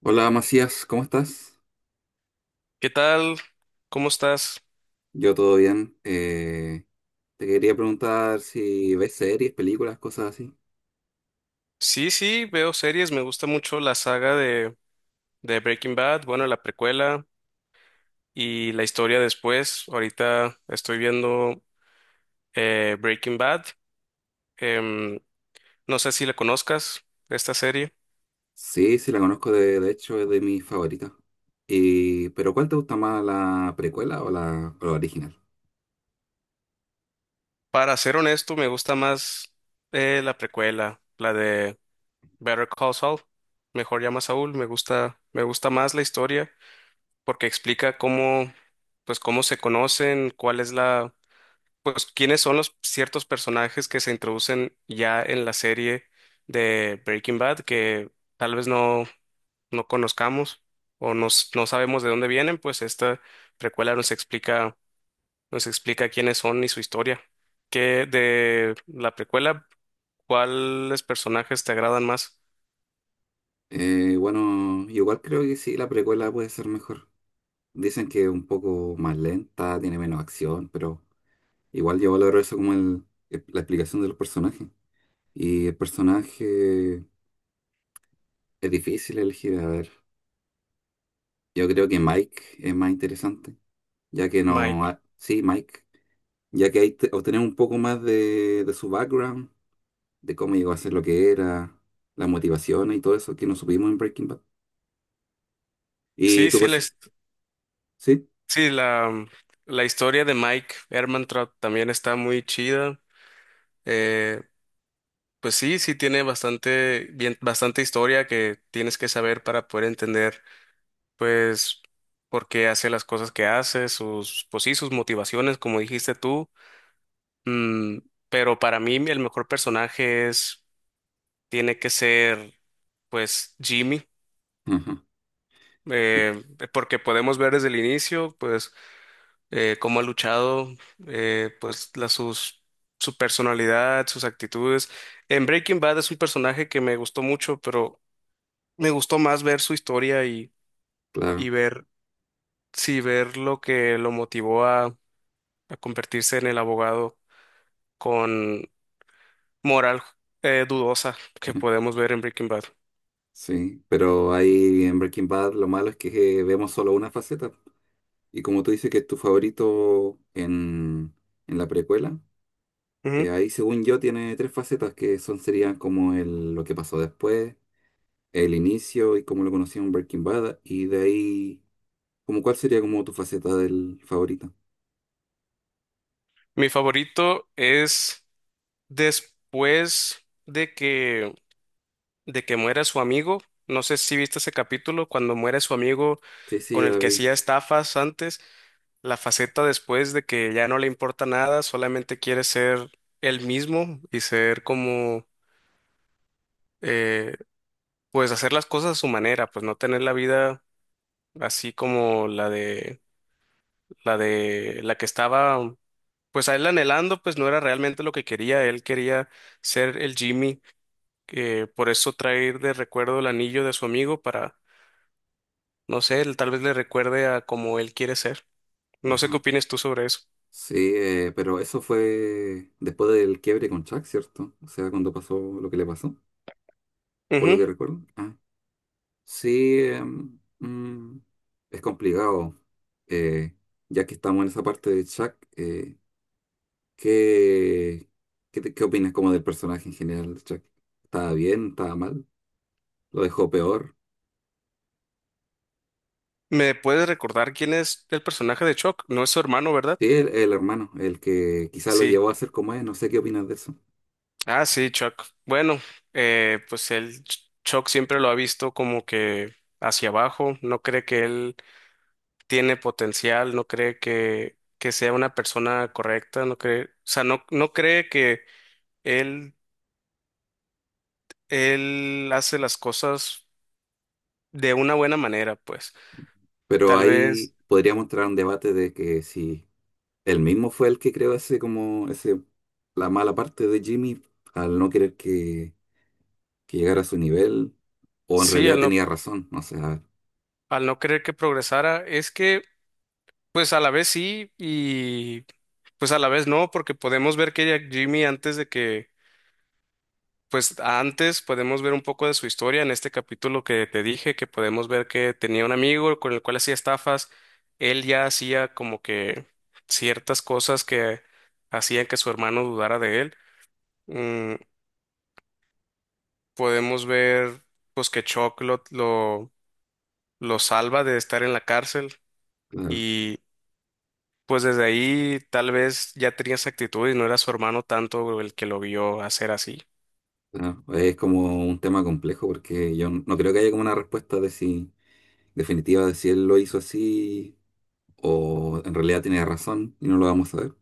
Hola Macías, ¿cómo estás? ¿Qué tal? ¿Cómo estás? Yo todo bien. Te quería preguntar si ves series, películas, cosas así. Sí, sí, veo series, me gusta mucho la saga de Breaking Bad, bueno, la precuela y la historia después. Ahorita estoy viendo Breaking Bad, em, no sé si la conozcas, esta serie. Sí, sí, la conozco, de hecho es de mis favoritas. Y, pero ¿cuál te gusta más, la precuela o la original? Para ser honesto, me gusta más la precuela, la de Better Call Saul, mejor llama a Saúl, me gusta más la historia porque explica cómo, pues cómo se conocen, cuál es la pues quiénes son los ciertos personajes que se introducen ya en la serie de Breaking Bad que tal vez no conozcamos o no sabemos de dónde vienen, pues esta precuela nos explica quiénes son y su historia. ¿Qué de la precuela, cuáles personajes te agradan más, Bueno, igual creo que sí, la precuela puede ser mejor. Dicen que es un poco más lenta, tiene menos acción, pero igual yo valoro eso como la explicación de los personajes. Y el personaje es difícil elegir, a ver. Yo creo que Mike es más interesante, ya que no... Mike? ha- sí, Mike, ya que ahí obtenemos un poco más de su background, de cómo llegó a ser lo que era, las motivaciones y todo eso que nos supimos en Breaking Bad. Y Sí, tu sí, persona... Sí, sí, la historia de Mike Ehrmantraut también está muy chida. eh, Pues sí, sí tiene bastante, bien, bastante historia que tienes que saber para poder entender, pues, por qué hace las cosas que hace, sus, pues sí, sus motivaciones, como dijiste tú. Mm, pero para mí el mejor personaje es, tiene que ser, pues, Jimmy, ajá, y- eh, porque podemos ver desde el inicio, pues, cómo ha luchado, pues, su personalidad, sus actitudes. En Breaking Bad es un personaje que me gustó mucho, pero me gustó más ver su historia y claro. ver, sí, ver lo que lo motivó a convertirse en el abogado con moral dudosa que podemos ver en Breaking Bad. Sí, pero ahí en Breaking Bad lo malo es que vemos solo una faceta. Y como tú dices que es tu favorito en la precuela, Ujú. Ahí según yo tiene tres facetas que son serían como el, lo que pasó después, el inicio y cómo lo conocía en Breaking Bad, y de ahí, como cuál sería como tu faceta del favorita. Mi favorito es después de que muera su amigo. No sé si viste ese capítulo, cuando muere su amigo Sí, sí, con ya la el que vi. hacía estafas antes, la faceta después de que ya no le importa nada, solamente quiere ser él mismo y ser como eh, pues hacer las cosas a su manera, pues no tener la vida así como la de la que estaba, pues a él anhelando, pues no era realmente lo que quería, él quería ser el Jimmy, que por eso traer de recuerdo el anillo de su amigo para, no sé, él tal vez le recuerde a como él quiere ser. No sé qué Ajá. opinas tú sobre eso. Sí, pero eso fue después del quiebre con Chuck, ¿cierto? O sea, cuando pasó lo que le pasó, por lo Ujú. que recuerdo. Ah, sí, es complicado, eh, ya que estamos en esa parte de Chuck, ¿qué, qué opinas como del personaje en general de Chuck? ¿Estaba bien? ¿Estaba mal? ¿Lo dejó peor? ¿Me puedes recordar quién es el personaje de Chuck? No es su hermano, ¿verdad? Sí, el hermano, el que quizá lo Sí. llevó a ser como es, no sé qué opinas de eso. Ah, sí, Chuck. Bueno, pues el Chuck siempre lo ha visto como que hacia abajo, no cree que él tiene potencial, no cree que sea una persona correcta, no cree, o sea, no cree que él, él hace las cosas de una buena manera, pues. Pero Tal ahí vez, podríamos entrar a un debate de que si él mismo fue el que creó ese como ese la mala parte de Jimmy al no querer que llegara a su nivel, o en sí, realidad al no, tenía razón, no sé, a ver, al no querer que progresara, es que, pues a la vez sí y pues a la vez no, porque podemos ver que ya Jimmy antes de que. Pues antes podemos ver un poco de su historia en este capítulo que te dije, que podemos ver que tenía un amigo con el cual hacía estafas. Él ya hacía como que ciertas cosas que hacían que su hermano dudara de él. Mm, podemos ver pues que Chuck lo salva de estar en la cárcel claro, y pues desde ahí tal vez ya tenía esa actitud y no era su hermano tanto el que lo vio hacer así. claro. Es como un tema complejo porque yo no creo que haya como una respuesta de si definitiva de si él lo hizo así o en realidad tenía razón y no lo vamos a ver.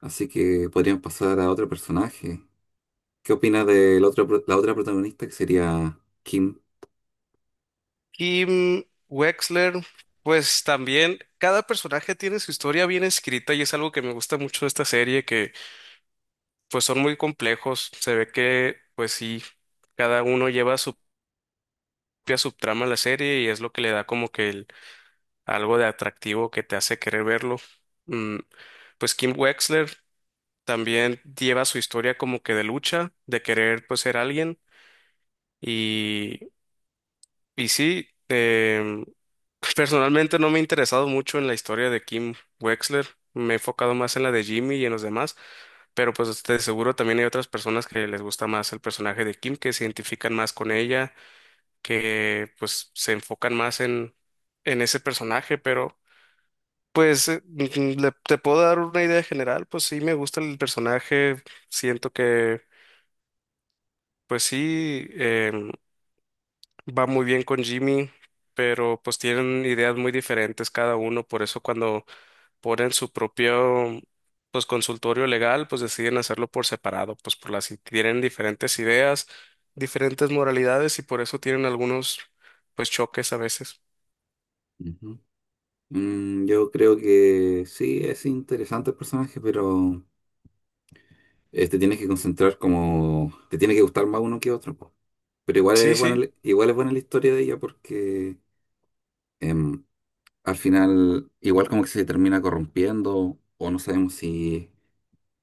Así que podríamos pasar a otro personaje. ¿Qué opinas de la otra protagonista que sería Kim? Kim Wexler, pues también cada personaje tiene su historia bien escrita y es algo que me gusta mucho de esta serie, que pues son muy complejos, se ve que pues sí, cada uno lleva su propia subtrama a la serie y es lo que le da como que algo de atractivo que te hace querer verlo. Mm, pues Kim Wexler también lleva su historia como que de lucha, de querer pues ser alguien. Y sí, personalmente no me he interesado mucho en la historia de Kim Wexler. Me he enfocado más en la de Jimmy y en los demás, pero pues de seguro también hay otras personas que les gusta más el personaje de Kim, que se identifican más con ella, que pues se enfocan más en ese personaje, pero pues te puedo dar una idea general, pues sí me gusta el personaje, siento que pues sí, va muy bien con Jimmy, pero pues tienen ideas muy diferentes cada uno, por eso cuando ponen su propio pues consultorio legal, pues deciden hacerlo por separado, pues por las tienen diferentes ideas, diferentes moralidades y por eso tienen algunos pues choques a veces. Ujú. Mm, yo creo que sí, es interesante el personaje, pero te tienes que concentrar como... Te tiene que gustar más uno que otro. Po. Pero igual es Sí, buena, sí. Igual es buena la historia de ella porque em, al final igual como que se termina corrompiendo o no sabemos si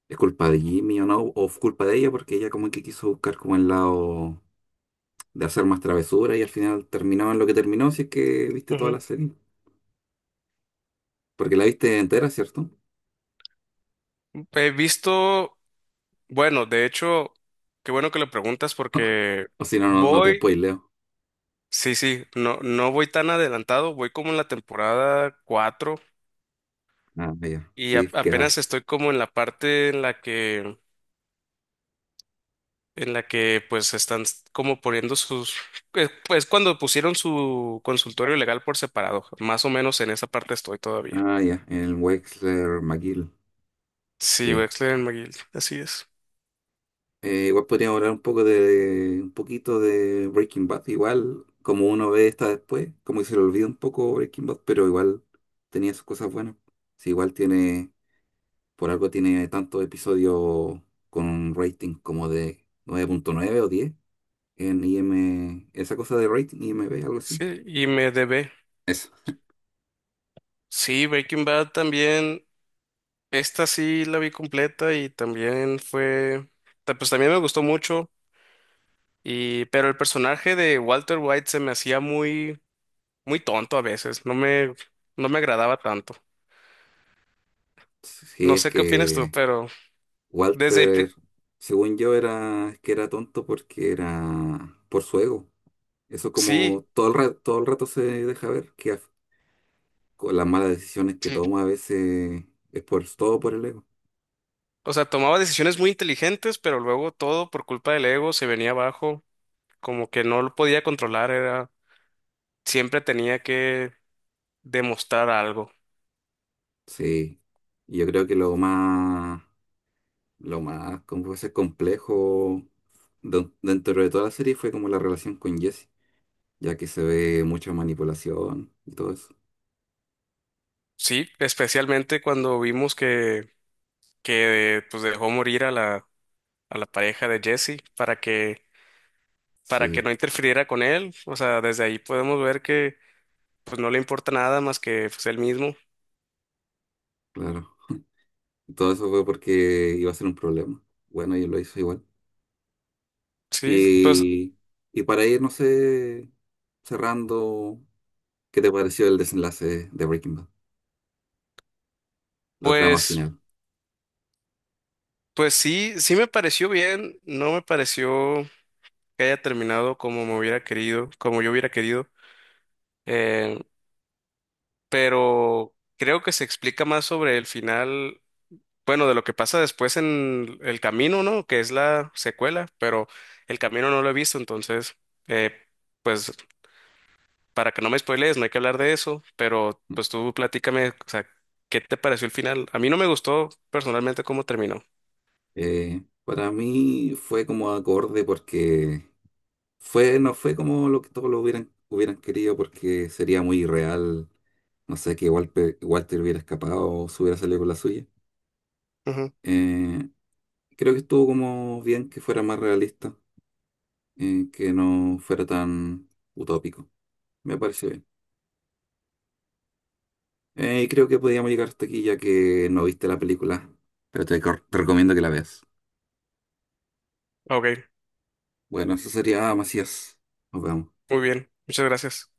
es culpa de Jimmy o no, o es culpa de ella porque ella como que quiso buscar como el lado de hacer más travesura y al final terminó en lo que terminó, si es que viste toda Ujú. la serie. Porque la viste entera, ¿cierto? He visto, bueno, de hecho, qué bueno que le preguntas porque O si no, no, no te voy, spoileo. sí, sí, no, no voy tan adelantado, voy como en la temporada 4. Ah, ya. Y Sí, a- queda. apenas estoy como en la parte en la que, pues están como poniendo sus, es cuando pusieron su consultorio legal por separado, más o menos en esa parte estoy todavía. Ah, ya. El Wexler McGill. Sí, Sí. Wexler and McGill, así es. Igual podríamos hablar un poco de, un poquito de Breaking Bad. Igual, como uno ve esta después, como que se le olvida un poco Breaking Bad, pero igual tenía sus cosas buenas. Sí, igual tiene, por algo tiene tantos episodios con un rating como de nueve punto nueve o 10 en IM, esa cosa de rating, IMB, algo así. Sí, y me debe. Eso. Sí, Breaking Bad también, esta sí la vi completa y también fue, pues también me gustó mucho, y, pero el personaje de Walter White se me hacía muy, muy tonto a veces, no me, agradaba tanto. Sí, No es sé qué opinas tú, que pero desde... el pri- Walter, según yo, era que era tonto porque era por su ego. Eso Sí, como todo el rato se deja ver con las malas decisiones que sí. toma a veces es por todo por el ego. O sea, tomaba decisiones muy inteligentes, pero luego todo por culpa del ego se venía abajo, como que no lo podía controlar, siempre tenía que demostrar algo. Sí. Y yo creo que lo más como puede ser complejo dentro de toda la serie fue como la relación con Jesse, ya que se ve mucha manipulación y todo eso. Sí, especialmente cuando vimos que, que pues dejó morir a la, pareja de Jesse para que Sí, no interfiriera con él. O sea, desde ahí podemos ver que pues no le importa nada más que pues, él mismo. claro. Todo eso fue porque iba a ser un problema. Bueno, y lo hizo igual. Sí, pues, Y, y para ir, no sé, cerrando, ¿qué te pareció el desenlace de Breaking Bad? La trama pues. final. Pues sí, sí me pareció bien, no me pareció que haya terminado como me hubiera querido, como yo hubiera querido, eh, pero creo que se explica más sobre el final, bueno, de lo que pasa después en el camino, ¿no? Que es la secuela, pero el camino no lo he visto, entonces, eh, pues para que no me spoilees, no hay que hablar de eso, pero pues tú platícame, o sea, ¿qué te pareció el final? A mí no me gustó personalmente cómo terminó. Para mí fue como acorde porque fue, no fue como lo que todos lo hubieran, hubieran querido porque sería muy irreal, no sé, que Walter, Walter hubiera escapado o se hubiera salido con la suya. Ujú. Eh, Creo que estuvo como bien que fuera más realista, que no fuera tan utópico. Me pareció bien. Creo que podíamos llegar hasta aquí ya que no viste la película, pero te recomiendo que la veas. Ok, Bueno, eso sería, Macías. Nos vemos. muy bien, muchas gracias.